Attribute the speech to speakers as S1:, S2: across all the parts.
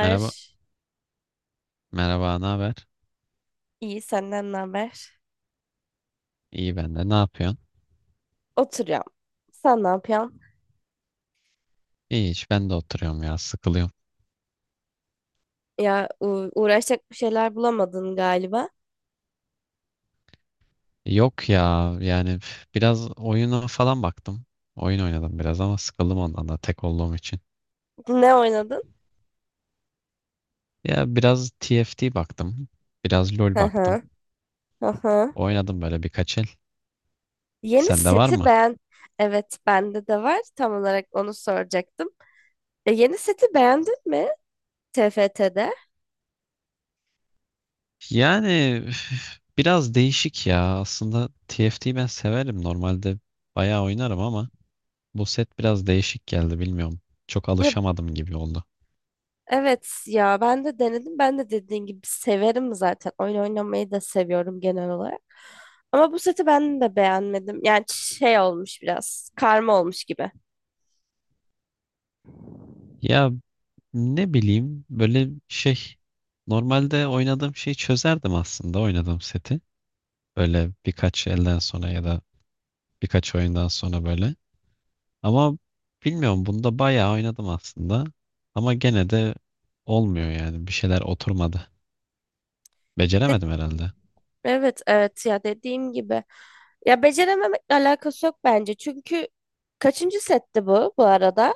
S1: Merhaba. Merhaba, ne haber?
S2: İyi senden ne haber?
S1: İyi ben de. Ne yapıyorsun?
S2: Oturuyorum. Sen ne yapıyorsun?
S1: İyi hiç ben de oturuyorum ya sıkılıyorum.
S2: Ya uğraşacak bir şeyler bulamadın galiba.
S1: Yok ya yani biraz oyuna falan baktım. Oyun oynadım biraz ama sıkıldım ondan da tek olduğum için.
S2: Ne oynadın?
S1: Ya biraz TFT baktım. Biraz LoL
S2: Hı
S1: baktım.
S2: hı. Hı hı.
S1: Oynadım böyle birkaç el.
S2: Yeni
S1: Sende var
S2: seti
S1: mı?
S2: beğen. Evet, bende de var. Tam olarak onu soracaktım. Yeni seti beğendin mi T F TFT'de?
S1: Yani biraz değişik ya. Aslında TFT'yi ben severim. Normalde bayağı oynarım ama bu set biraz değişik geldi bilmiyorum. Çok
S2: Ya,
S1: alışamadım gibi oldu.
S2: evet ya ben de denedim. Ben de dediğin gibi severim zaten. Oyun oynamayı da seviyorum genel olarak. Ama bu seti ben de beğenmedim. Yani şey olmuş biraz. Karma olmuş gibi.
S1: Ya ne bileyim böyle şey normalde oynadığım şeyi çözerdim aslında oynadığım seti. Böyle birkaç elden sonra ya da birkaç oyundan sonra böyle. Ama bilmiyorum bunda bayağı oynadım aslında. Ama gene de olmuyor yani. Bir şeyler oturmadı.
S2: De-
S1: Beceremedim herhalde.
S2: Evet evet ya dediğim gibi. Ya becerememekle alakası yok bence. Çünkü kaçıncı setti bu, bu arada?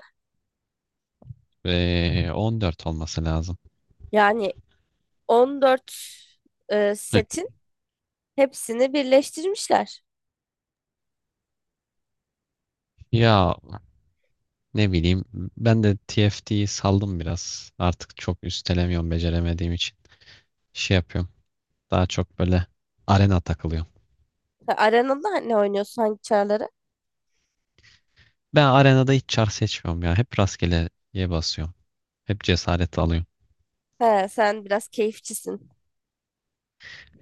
S1: Ve 14 olması lazım.
S2: Yani 14,
S1: Hı.
S2: setin hepsini birleştirmişler.
S1: Ya ne bileyim ben de TFT'yi saldım biraz. Artık çok üstelemiyorum beceremediğim için. Şey yapıyorum. Daha çok böyle arena takılıyorum.
S2: Ha, arenada ne oynuyorsun, hangi çarları?
S1: Ben arenada hiç çar seçmiyorum ya. Hep rastgeleye basıyorum. Hep cesaret alıyorum.
S2: He, sen biraz keyifçisin.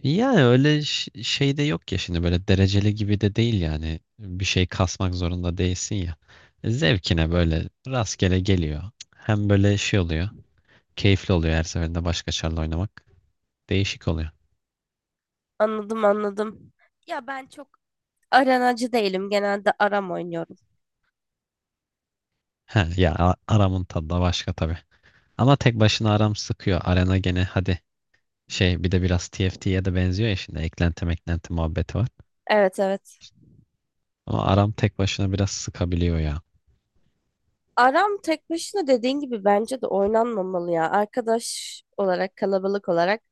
S1: Yani öyle şey de yok ya şimdi böyle dereceli gibi de değil yani. Bir şey kasmak zorunda değilsin ya. Zevkine böyle rastgele geliyor. Hem böyle şey oluyor. Keyifli oluyor her seferinde başka çarla oynamak. Değişik oluyor.
S2: Anladım anladım. Ya ben çok arenacı değilim. Genelde aram oynuyorum.
S1: He ya aramın tadı da başka tabii. Ama tek başına aram sıkıyor. Arena gene hadi şey bir de biraz TFT'ye de benziyor ya şimdi eklenti meklenti muhabbeti var.
S2: Evet evet.
S1: Ama aram tek başına biraz sıkabiliyor ya.
S2: Aram tek başına dediğin gibi bence de oynanmamalı ya. Arkadaş olarak, kalabalık olarak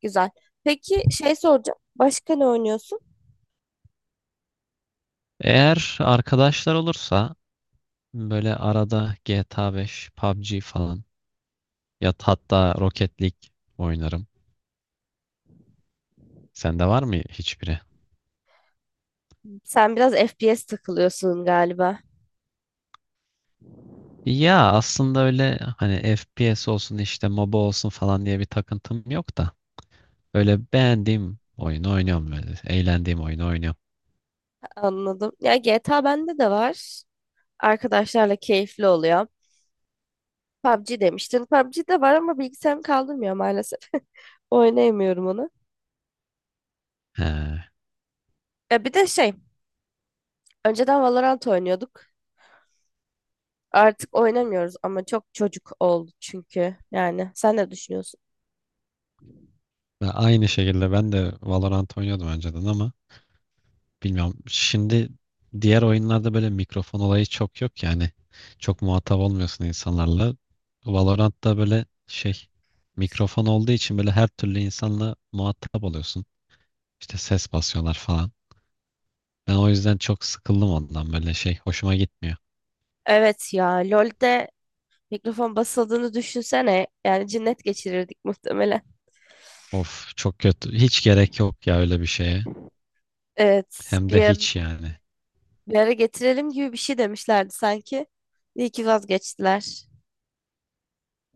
S2: güzel. Peki şey soracağım. Başka ne oynuyorsun?
S1: Eğer arkadaşlar olursa böyle arada GTA 5, PUBG falan ya hatta Rocket League oynarım. Sende var mı hiçbiri?
S2: Sen biraz FPS takılıyorsun galiba.
S1: Ya aslında öyle hani FPS olsun işte MOBA olsun falan diye bir takıntım yok da öyle beğendiğim oyunu oynuyorum böyle. Eğlendiğim oyunu oynuyorum.
S2: Anladım. Ya GTA bende de var. Arkadaşlarla keyifli oluyor. PUBG demiştin. PUBG de var ama bilgisayarım kaldırmıyor maalesef. Oynayamıyorum onu.
S1: He.
S2: Ya bir de şey, önceden Valorant oynuyorduk. Artık oynamıyoruz ama çok çocuk oldu çünkü. Yani sen ne düşünüyorsun?
S1: Ve aynı şekilde ben de Valorant oynuyordum önceden ama bilmiyorum. Şimdi diğer oyunlarda böyle mikrofon olayı çok yok yani. Çok muhatap olmuyorsun insanlarla. Valorant'ta böyle şey mikrofon olduğu için böyle her türlü insanla muhatap oluyorsun. İşte ses basıyorlar falan. Ben o yüzden çok sıkıldım ondan böyle şey hoşuma gitmiyor.
S2: Evet ya LoL'de mikrofon basıldığını düşünsene. Yani cinnet geçirirdik muhtemelen.
S1: Of çok kötü. Hiç gerek yok ya öyle bir şeye.
S2: Evet
S1: Hem de hiç yani.
S2: bir ara getirelim gibi bir şey demişlerdi sanki. İyi ki vazgeçtiler.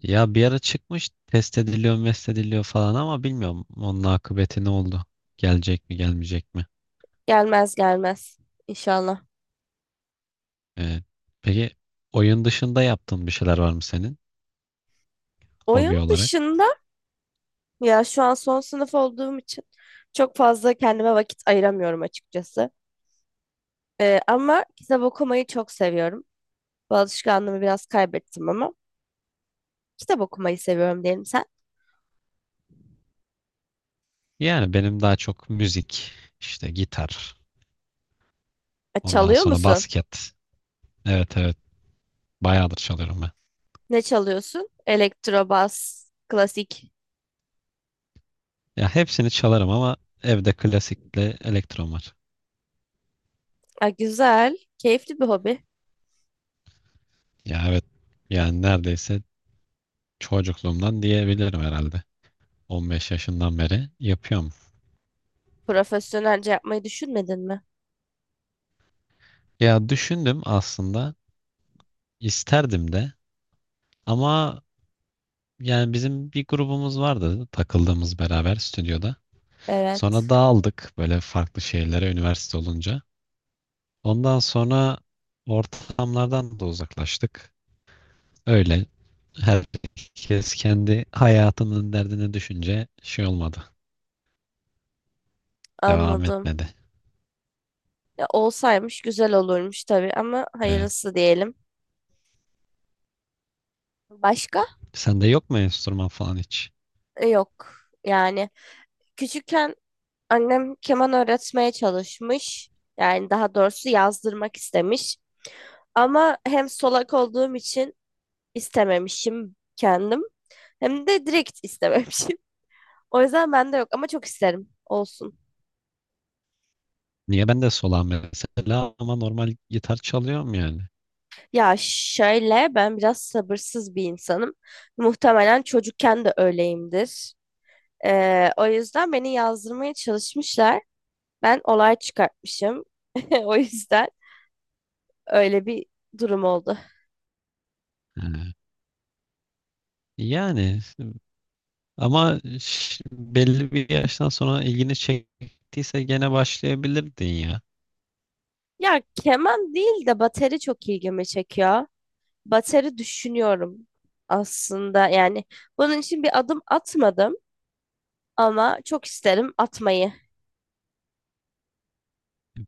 S1: Ya bir ara çıkmış test ediliyor, mest ediliyor falan ama bilmiyorum onun akıbeti ne oldu? Gelecek mi, gelmeyecek mi?
S2: Gelmez gelmez inşallah.
S1: Ee, peki oyun dışında yaptığın bir şeyler var mı senin
S2: Oyun
S1: hobi olarak?
S2: dışında ya şu an son sınıf olduğum için çok fazla kendime vakit ayıramıyorum açıkçası. Ama kitap okumayı çok seviyorum. Bu alışkanlığımı biraz kaybettim ama kitap okumayı seviyorum diyelim sen.
S1: Yani benim daha çok müzik, işte gitar, ondan
S2: Çalıyor
S1: sonra
S2: musun?
S1: basket. Evet, evet, bayağıdır çalıyorum ben.
S2: Ne çalıyorsun? Elektrobas, klasik.
S1: Ya hepsini çalarım ama evde klasikle elektron var.
S2: Ha, güzel, keyifli bir hobi.
S1: Ya evet yani neredeyse çocukluğumdan diyebilirim herhalde. 15 yaşından beri yapıyorum.
S2: Profesyonelce yapmayı düşünmedin mi?
S1: Ya düşündüm aslında isterdim de ama yani bizim bir grubumuz vardı takıldığımız beraber stüdyoda. Sonra
S2: Evet,
S1: dağıldık böyle farklı şehirlere üniversite olunca. Ondan sonra ortamlardan da uzaklaştık. Öyle herkes kendi hayatının derdine düşünce şey olmadı. Devam
S2: anladım.
S1: etmedi.
S2: Ya, olsaymış güzel olurmuş tabii ama
S1: Ee,
S2: hayırlısı diyelim. Başka?
S1: sende yok mu enstrüman falan hiç?
S2: Yok. Yani küçükken annem keman öğretmeye çalışmış. Yani daha doğrusu yazdırmak istemiş. Ama hem solak olduğum için istememişim kendim. Hem de direkt istememişim. O yüzden bende yok ama çok isterim. Olsun.
S1: Niye ben de solağım mesela ama normal gitar çalıyorum yani.
S2: Ya şöyle ben biraz sabırsız bir insanım. Muhtemelen çocukken de öyleyimdir. O yüzden beni yazdırmaya çalışmışlar. Ben olay çıkartmışım. O yüzden öyle bir durum oldu.
S1: Ee, yani ama belli bir yaştan sonra ilgini çektiyse gene başlayabilirdin ya.
S2: Ya keman değil de bateri çok ilgimi çekiyor. Bateri düşünüyorum aslında. Yani bunun için bir adım atmadım ama çok isterim atmayı.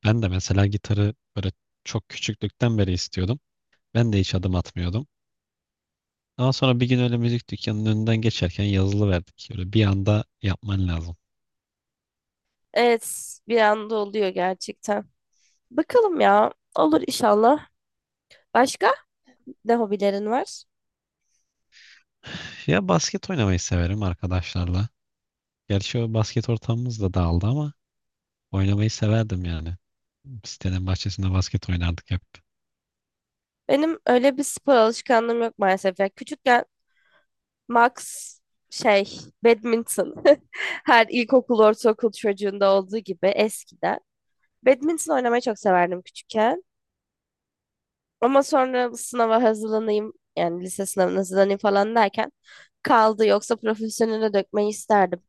S1: Ben de mesela gitarı böyle çok küçüklükten beri istiyordum. Ben de hiç adım atmıyordum. Ama sonra bir gün öyle müzik dükkanının önünden geçerken yazılı verdik. Böyle bir anda yapman lazım.
S2: Evet, bir anda oluyor gerçekten. Bakalım ya, olur inşallah. Başka? Ne hobilerin var?
S1: Ya basket oynamayı severim arkadaşlarla. Gerçi o basket ortamımız da dağıldı ama oynamayı severdim yani. Sitenin bahçesinde basket oynardık hep.
S2: Benim öyle bir spor alışkanlığım yok maalesef. Ya küçükken max şey badminton, her ilkokul ortaokul çocuğunda olduğu gibi eskiden badminton oynamayı çok severdim küçükken. Ama sonra sınava hazırlanayım yani lise sınavına hazırlanayım falan derken kaldı, yoksa profesyonele dökmeyi isterdim.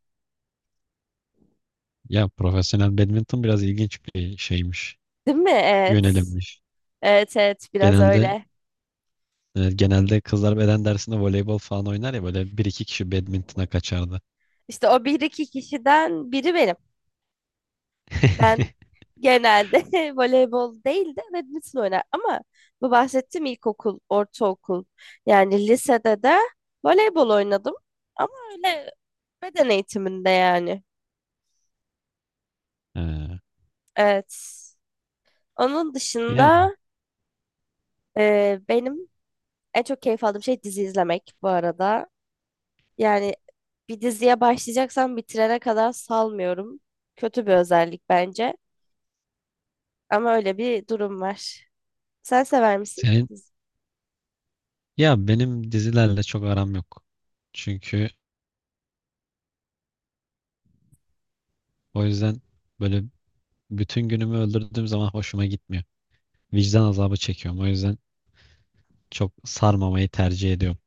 S1: Ya profesyonel badminton biraz ilginç bir şeymiş.
S2: Değil mi? Evet.
S1: Yönelimmiş.
S2: Evet evet, biraz
S1: Genelde,
S2: öyle.
S1: evet, genelde kızlar beden dersinde voleybol falan oynar ya böyle bir iki kişi badmintona kaçardı.
S2: İşte o bir iki kişiden biri benim. Ben genelde voleybol değil de badminton oynar. Ama bu bahsettiğim ilkokul, ortaokul, yani lisede de voleybol oynadım. Ama öyle, beden eğitiminde yani.
S1: Ha,
S2: Evet. Onun
S1: ya
S2: dışında benim en çok keyif aldığım şey dizi izlemek bu arada. Yani bir diziye başlayacaksam bitirene kadar salmıyorum. Kötü bir özellik bence. Ama öyle bir durum var. Sen sever misin?
S1: senin ya benim dizilerle çok aram yok. Çünkü o yüzden böyle bütün günümü öldürdüğüm zaman hoşuma gitmiyor. Vicdan azabı çekiyorum. O yüzden çok sarmamayı tercih ediyorum.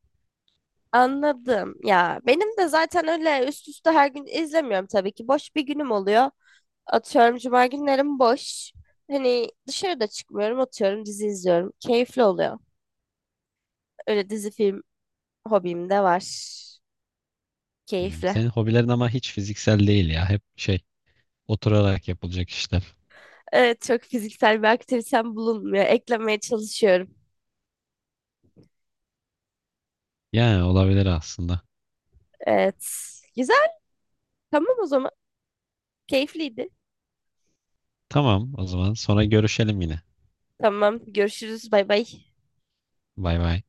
S2: Anladım. Ya benim de zaten öyle üst üste her gün izlemiyorum tabii ki. Boş bir günüm oluyor. Atıyorum cuma günlerim boş. Hani dışarıda çıkmıyorum, atıyorum dizi izliyorum. Keyifli oluyor. Öyle dizi film hobim de var. Keyifli.
S1: Senin hobilerin ama hiç fiziksel değil ya. Hep şey oturarak yapılacak işler.
S2: Evet, çok fiziksel bir aktivitem bulunmuyor. Eklemeye çalışıyorum.
S1: Yani olabilir aslında.
S2: Evet. Güzel. Tamam o zaman. Keyifliydi.
S1: Tamam o zaman sonra görüşelim yine.
S2: Tamam. Görüşürüz. Bay bay.
S1: Bay bay.